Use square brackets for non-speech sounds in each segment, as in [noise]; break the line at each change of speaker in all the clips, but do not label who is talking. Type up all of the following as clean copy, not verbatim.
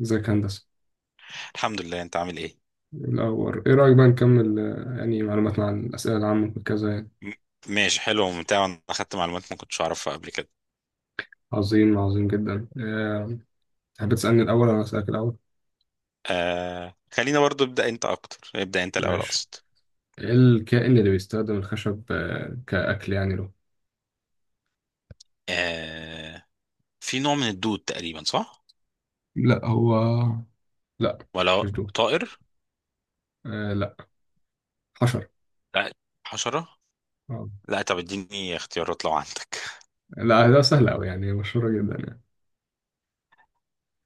ازيك يا هندسة.
الحمد لله، انت عامل ايه؟
الأول، إيه رأيك بقى نكمل يعني معلوماتنا عن الأسئلة العامة وكذا يعني.
م- ماشي، حلو وممتع. انا اخدت معلومات ما كنتش اعرفها قبل كده.
عظيم، عظيم جدا. تحب تسألني الأول ولا أسألك الأول؟
خلينا برضو. ابدا انت الاول
ماشي.
اقصد.
إيه الكائن اللي بيستخدم الخشب كأكل يعني له؟
آه في نوع من الدود تقريبا، صح؟
لا، هو. لا
ولا
مش دوت.
طائر؟
آه، لا. حشر.
لا، حشرة.
آه.
لا، طب اديني اختيارات لو عندك.
لا، ده سهل أوي يعني، مشهورة جدا يعني.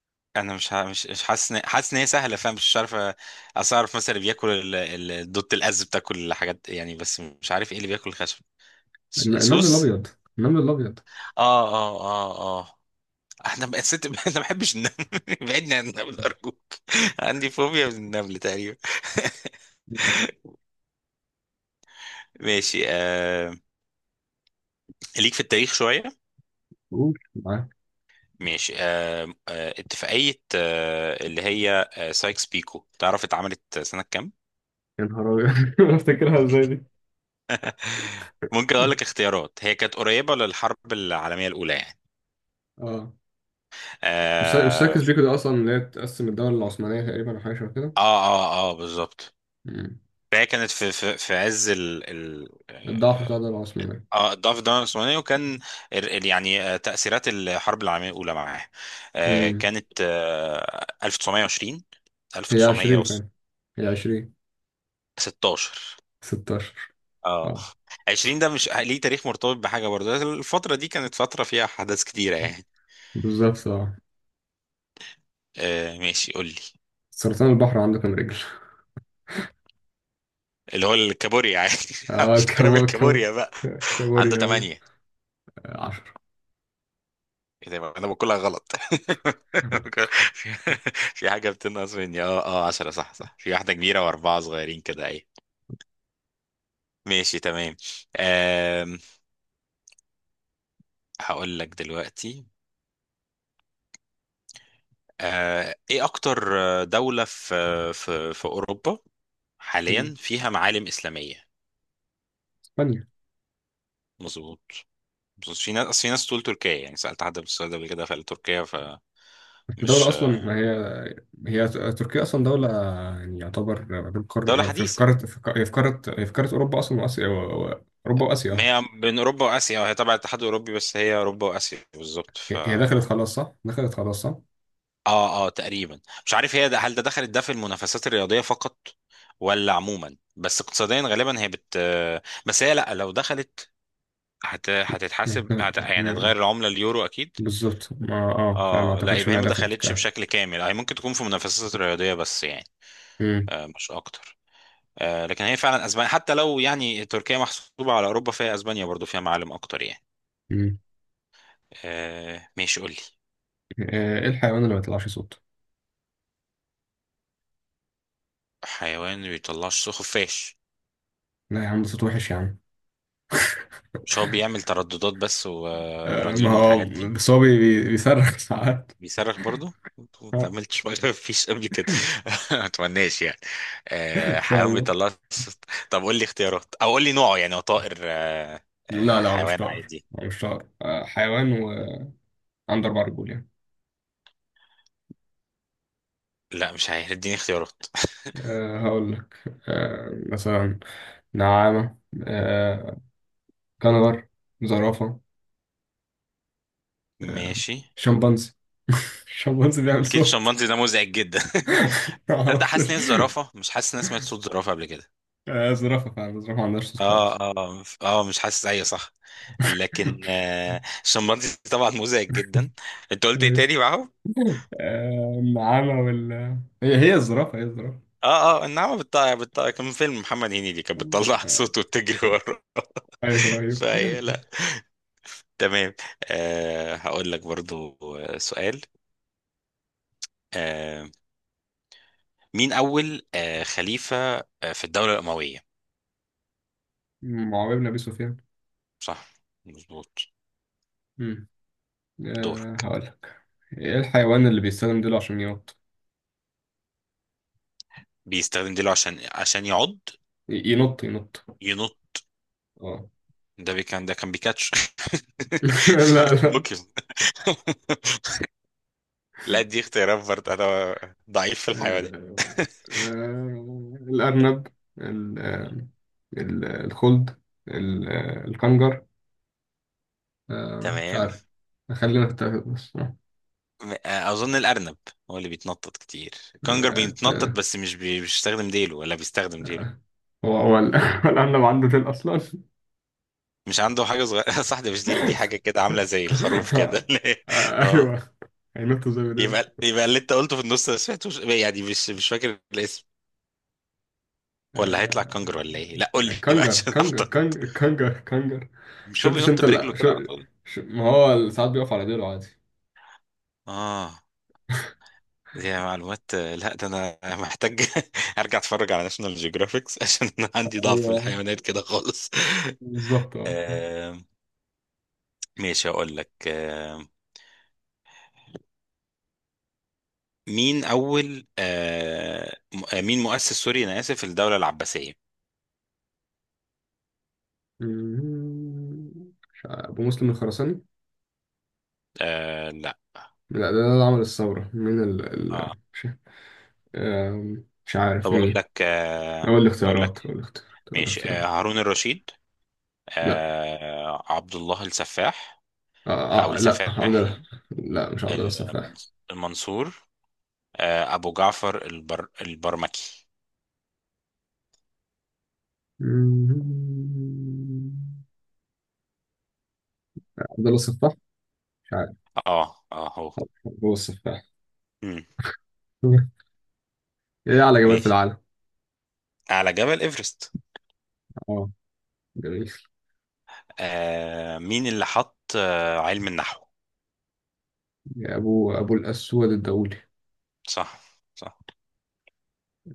[laughs] انا مش ه- مش مش حاسس حاسس ان هي سهله، فاهم، مش عارف اصل اعرف مثلا اللي بياكل الدود الاز بتاكل حاجات يعني، بس مش عارف ايه اللي بياكل الخشب.
النمل
سوس.
الأبيض، النمل الأبيض.
اه. اه، احنا بقى ست. [laughs] انا ما بحبش النمل. [laughs] بعدني عن النمل ارجوك، عندي فوبيا من النمل تقريبا. [laughs] ماشي. ليك في التاريخ شويه.
قول معاك.
ماشي، اتفاقيه اللي هي سايكس بيكو، تعرف اتعملت سنه كام؟
يا نهار أبيض. [laughs] بفتكرها إزاي دي؟
ممكن اقول لك اختيارات، هي كانت قريبه للحرب العالميه الاولى يعني.
آه مش
اه
ساكس بيكو ده أصلا، اللي هي تقسم الدولة العثمانية تقريبا أو حاجة شبه كده.
اه, آه بالظبط.
مم.
فهي كانت في عز ال... ال...
الضعف
آه،
بتاع الدولة العثمانية.
اه ضعف الدولة العثمانية، وكان يعني تأثيرات الحرب العالمية الأولى معاه،
مم.
كانت 1920.
هي 20
1916.
فعلا، هي 20، 16.
اه،
اه،
20 ده مش ليه تاريخ مرتبط بحاجة برضه، الفترة دي كانت فترة فيها أحداث كتيرة يعني.
بالظبط، اه.
ماشي، قول لي.
سرطان البحر عنده كام رجل؟
اللي هو الكابوريا يعني.
[laughs]
[laughs]
اه،
مش فاكرها بالكابوريا بقى. عنده
كابوريا، ايوه.
ثمانية.
10.
ايه ده بقى؟ انا بقولها غلط. [laughs] في في حاجة بتنقص مني. اه 10، صح، صح، في واحدة كبيرة واربعة صغيرين كده. ايه، ماشي، تمام. أم، هقول لك دلوقتي. ايه اكتر دولة في في اوروبا حاليا فيها معالم اسلامية؟
اسبانيا.
مظبوط، مظبوط. في ناس أصل، في ناس تقول تركيا يعني، سألت حد بالسؤال ده قبل كده فقال تركيا.
الدولة
فمش
اصلا ما هي، هي تركيا اصلا دولة يعني يعتبر.
دولة
في
حديثة.
قارة، هي في قارة اوروبا اصلا، واسيا، اوروبا
ما
واسيا.
هي بين اوروبا واسيا، هي تبع الاتحاد الاوروبي بس هي اوروبا واسيا بالظبط. ف
هي دخلت خلاص صح؟ دخلت خلاص صح؟
اه تقريبا، مش عارف هي ده، هل ده دخلت ده في المنافسات الرياضية فقط ولا عموما؟ بس اقتصاديا غالبا هي بت، بس هي لا لو دخلت هت... هتتحاسب، هت... يعني
مم.
هتغير العملة اليورو أكيد.
بالظبط. ما اه فما
اه لا،
اعتقدش
يبقى هي
انها
ما
دخلت
دخلتش
كده.
بشكل كامل، هي ممكن تكون في منافسات رياضية بس يعني، آه مش أكتر. آه لكن هي فعلا أسبانيا، حتى لو يعني تركيا محسوبة على أوروبا، فهي أسبانيا برضو فيها معالم أكتر يعني.
مم.
آه ماشي قولي.
ايه الحيوان اللي ما بيطلعش صوت؟
حيوان ما بيطلعش صوت؟ خفاش.
لا يا عم، ده صوت وحش يا عم.
مش هو بيعمل ترددات بس
ما
ورنين
هو
والحاجات دي؟
بس هو بيصرخ [laughs] ساعات.
بيصرخ برضه، ما
[laughs]
اتعملتش ما فيش قبل كده. [laughs] ما اتمناش يعني.
ان شاء
حيوان
الله.
بيطلع صوت. طب قول لي اختيارات او قول لي نوعه يعني، هو طائر
لا، لا هو مش
حيوان
طائر.
عادي؟
هو مش طائر. حيوان، وعنده اربع رجول يعني.
لا مش عارف، اديني اختيارات.
هقول لك. أه، مثلا نعامة، أه كنغر، زرافة، أه
ماشي.
شمبانزي. [laughs] الشمبانزي بيعمل
اكيد
صوت.
الشمبانزي ده مزعج جدا. [laughs]
[laughs] ما
تصدق حاسس
اعرفش.
ان هي الزرافه، مش حاسس ان انا سمعت صوت زرافه قبل كده.
زرافة فعلا، الزرافة ما عندهاش صوت خالص.
اه مش حاسس، ايوه صح. لكن
[laughs]
الشمبانزي طبعا مزعج جدا. انت قلت ايه تاني معاهم؟
النعامة وال هي، هي الزرافة، هي الزرافة.
اه النعمة بتطلع، كان فيلم محمد هنيدي كانت بتطلع [laughs]
آه،
صوت وبتجري وراه.
أيوه، أيوه.
فهي
[laughs]
لا. تمام. آه هقول لك برضو سؤال. آه مين أول خليفة في الدولة الأموية؟
معاوية بن أبي سفيان.
صح، مظبوط.
مم.
دورك.
هقول لك. إيه الحيوان اللي بيستخدم ديله عشان ينط؟
بيستخدم ديله عشان يعض؟
ينط.
ينط؟
أه.
ده كان بيكاتش.
[laughs] لا،
[laughs]
لا.
بوكيمون. لا دي اختيارات برضه، انا ضعيف في الحيوانات.
آه، الأرنب، ال- آه، الخلد، الكنجر.
[laughs]
مش
تمام.
عارف. خلينا في التلاتة بس.
اظن الارنب هو اللي بيتنطط كتير. الكنجر بيتنطط
آه،
بس مش بيستخدم ديله، ولا بيستخدم ديله؟
آه، [laughs] هو الأرنب عنده ديل أصلا؟
مش عنده حاجه صغيره؟ [laughs] صح ده مش ديل، دي
[laughs]
حاجه كده عامله زي الخروف كده.
[laughs]
[laughs] اه.
ايوه، هينطوا زي ما دول.
يبقى، يبقى اللي انت قلته في النص انا سمعتوش يعني، مش فاكر الاسم. ولا هيطلع
آه،
كنجر ولا ايه؟ لا قول لي، [laughs] بقى عشان احترت.
كانجر.
مش هو
شفتش
بينط
انت،
برجله
لا.
كده على طول؟
ما هو ساعات بيقف على ديله عادي.
اه دي معلومات، لا ده انا محتاج [laughs] ارجع اتفرج على ناشونال جيوغرافيكس عشان [laughs] انا عندي ضعف في
ايوه،
الحيوانات كده خالص.
بالظبط، اه.
[laughs] ماشي، هقول لك مين أول مين مؤسس، سوري أنا آسف، الدولة العباسية؟
مش عارف، ابو مسلم الخراساني.
لا.
لا، ده اللي عمل الثوره. مين ال
آه.
ال مش. مش
طب
عارف
أقول
مين.
لك
هو
أقول لك.
الاختيارات، هو الاختيارات، هو
ماشي،
الاختيارات.
هارون الرشيد،
لا،
عبد الله السفاح،
آه
أو
آه لا، عبد
السفاح
الله.
يعني،
لا، مش عبد الله السفاح.
المنصور، أبو جعفر البرمكي.
عبد الله السفاح، مش عارف.
اه هو.
هو السفاح.
مم.
[laughs] ايه اعلى جبل في
ماشي.
العالم؟
على جبل إيفرست.
اه، جميل.
مين اللي حط علم النحو؟
ابو الاسود الدولي.
صح، صح.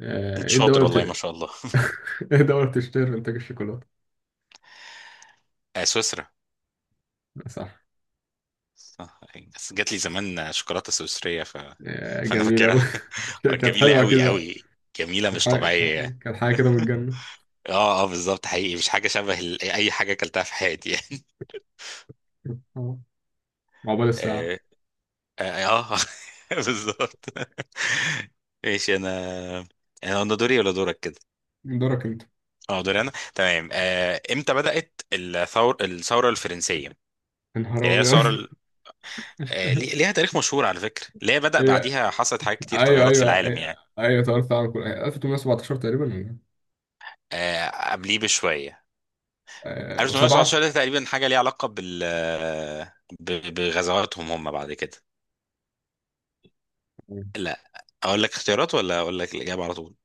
انت
ايه
شاطر
الدوله
والله ما شاء الله.
[laughs] ايه الدوله بتشتهر بانتاج الشوكولاته؟
آه سويسرا.
صح.
صح. بس جات لي زمان شوكولاته سويسريه ف... فانا
جميل اوي.
فاكرها. [laughs] آه،
[laughs] كانت
جميله
حلوه اكيد
قوي
بقى.
قوي، جميله مش طبيعيه يعني.
كانت حاجه كده من الجنه.
[laughs] اه بالظبط، حقيقي مش حاجه شبه اي حاجه اكلتها في حياتي يعني.
اه، عقبال
[laughs]
الساعه.
اه, آه آه، [laughs] بالظبط. [laughs] ماشي، انا انا أنا دوري ولا دورك كده؟
دورك انت.
اه دوري انا، تمام. آه امتى بدأت الثوره الفرنسيه يعني؟
انهار
هي
ابيض.
الثوره
[laughs]
ليها تاريخ مشهور على فكرة، ليه بدأ
هي،
بعديها حصلت حاجات كتير
ايوه
تغيرات في
ايوه
العالم
ايوه.
يعني.
ايوه، تعرف عن كل 1817 تقريبا، ولا إيه؟
آه، قبليه بشوية.
وسبعه.
1819 ده تقريبا حاجة ليها علاقة بال بغزواتهم هم بعد كده. لا، أقول لك اختيارات ولا أقول لك الإجابة على طول؟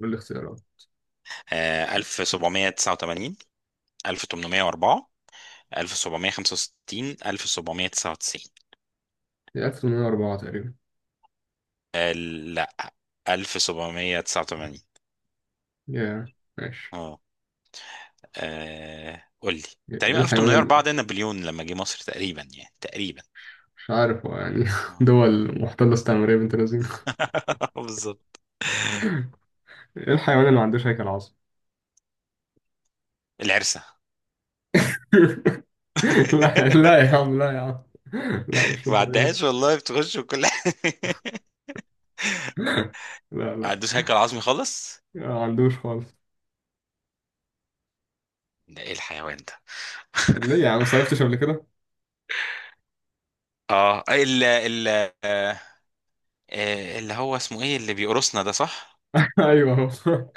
قول لي اختيارات.
1789، 1804، 1765، 1799.
هي 1804 تقريبا.
لا 1789.
يا، ماشي.
اه. قول لي.
ايه
تقريبا
الحيوان
1804
اللي.
ده نابليون لما جه مصر تقريبا يعني، تقريبا.
مش عارف هو يعني. [laughs]
آه.
دول محتلة استعمارية بنت لذينة.
[laughs] بالظبط.
ايه الحيوان اللي ما عندوش هيكل عظمي؟
العرسه.
[laughs] لا، لا يا
[laughs]
عم، لا يا عم. لا، مش
ما
الدرجات.
عدهاش والله، بتخش وكل حاجه. [laughs]
لا، لا.
عدوش هيكل عظمي خالص.
ما عندوش خالص.
ده ايه الحيوان ده؟
ليه يا عم صيفتش قبل كده؟
اه ال ال آه، آه، اللي هو اسمه ايه اللي بيقرصنا ده، صح.
[laughs] ايوه هو.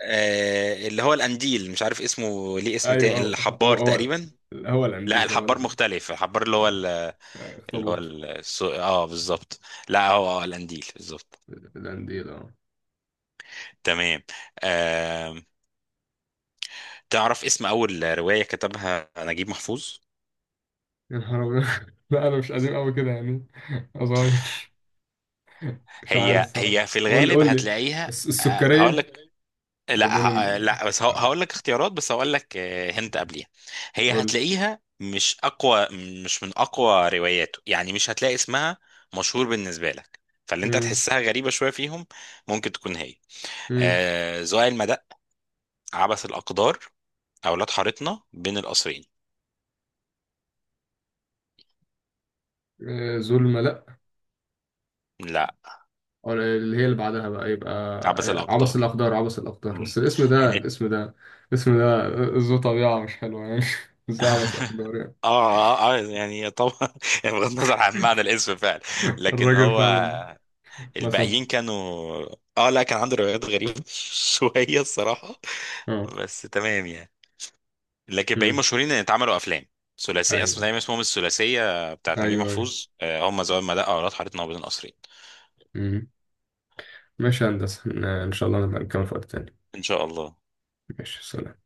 اللي هو القنديل، مش عارف اسمه ليه اسم
ايوه،
تاني،
هو
الحبار
هو هو
تقريبا.
هو
لا
القنديل، هو
الحبار
القنديل.
مختلف. الحبار اللي هو
آه،
اللي هو
اخطبوط.
السو... اه بالظبط. لا هو اه القنديل بالظبط.
القنديل، اه.
تمام. آه، تعرف اسم اول رواية كتبها نجيب محفوظ؟
يا نهار أبيض. [laughs] لا، انا مش قديم قوي كده يعني. أنا صغير. مش عارف
هي
الصراحه،
هي في
قول لي
الغالب
قول لي.
هتلاقيها. هقول
السكريه.
لك، لا
وبين
لا بس
آه،
هقول لك اختيارات، بس هقول لك هنت قبليها. هي
قول.
هتلاقيها مش اقوى، مش من اقوى رواياته يعني، مش هتلاقي اسمها مشهور بالنسبه لك، فاللي انت
مم.
تحسها غريبه شويه فيهم ممكن تكون هي.
مم.
آه زوال المدق، عبث الاقدار، اولاد حارتنا، بين القصرين.
ظلمة، لأ.
لا
أو اللي هي اللي بعدها بقى، يبقى
عبث
عبس
الاقدار.
الأقدار، عبس الأقدار. بس
مم.
الاسم ده،
لان
الاسم ده، الاسم ده ذو طبيعة مش حلوة يعني. [laughs] بس عبس أقدار يعني.
اه يعني طبعا، [laughs] بغض النظر عن معنى الاسم فعلا.
[laughs]
لكن
الراجل
هو
فعلا. الله
الباقيين
يسامحه.
كانوا، اه لا، كان عنده روايات غريبة [laughs] شوية الصراحة،
اه.
بس تمام يعني. لكن الباقيين
مم.
مشهورين ان اتعملوا افلام ثلاثية، اسمه
أيوه،
دايما اسمهم الثلاثية بتاعت
أيوه،
نجيب
أيوه.
محفوظ، هم زمان ما دقة، اولاد حارتنا، وبين القصرين.
مم. ماشي يا هندسة، إن شاء الله نبقى نكمل في وقت تاني.
ان شاء الله.
ماشي، سلام.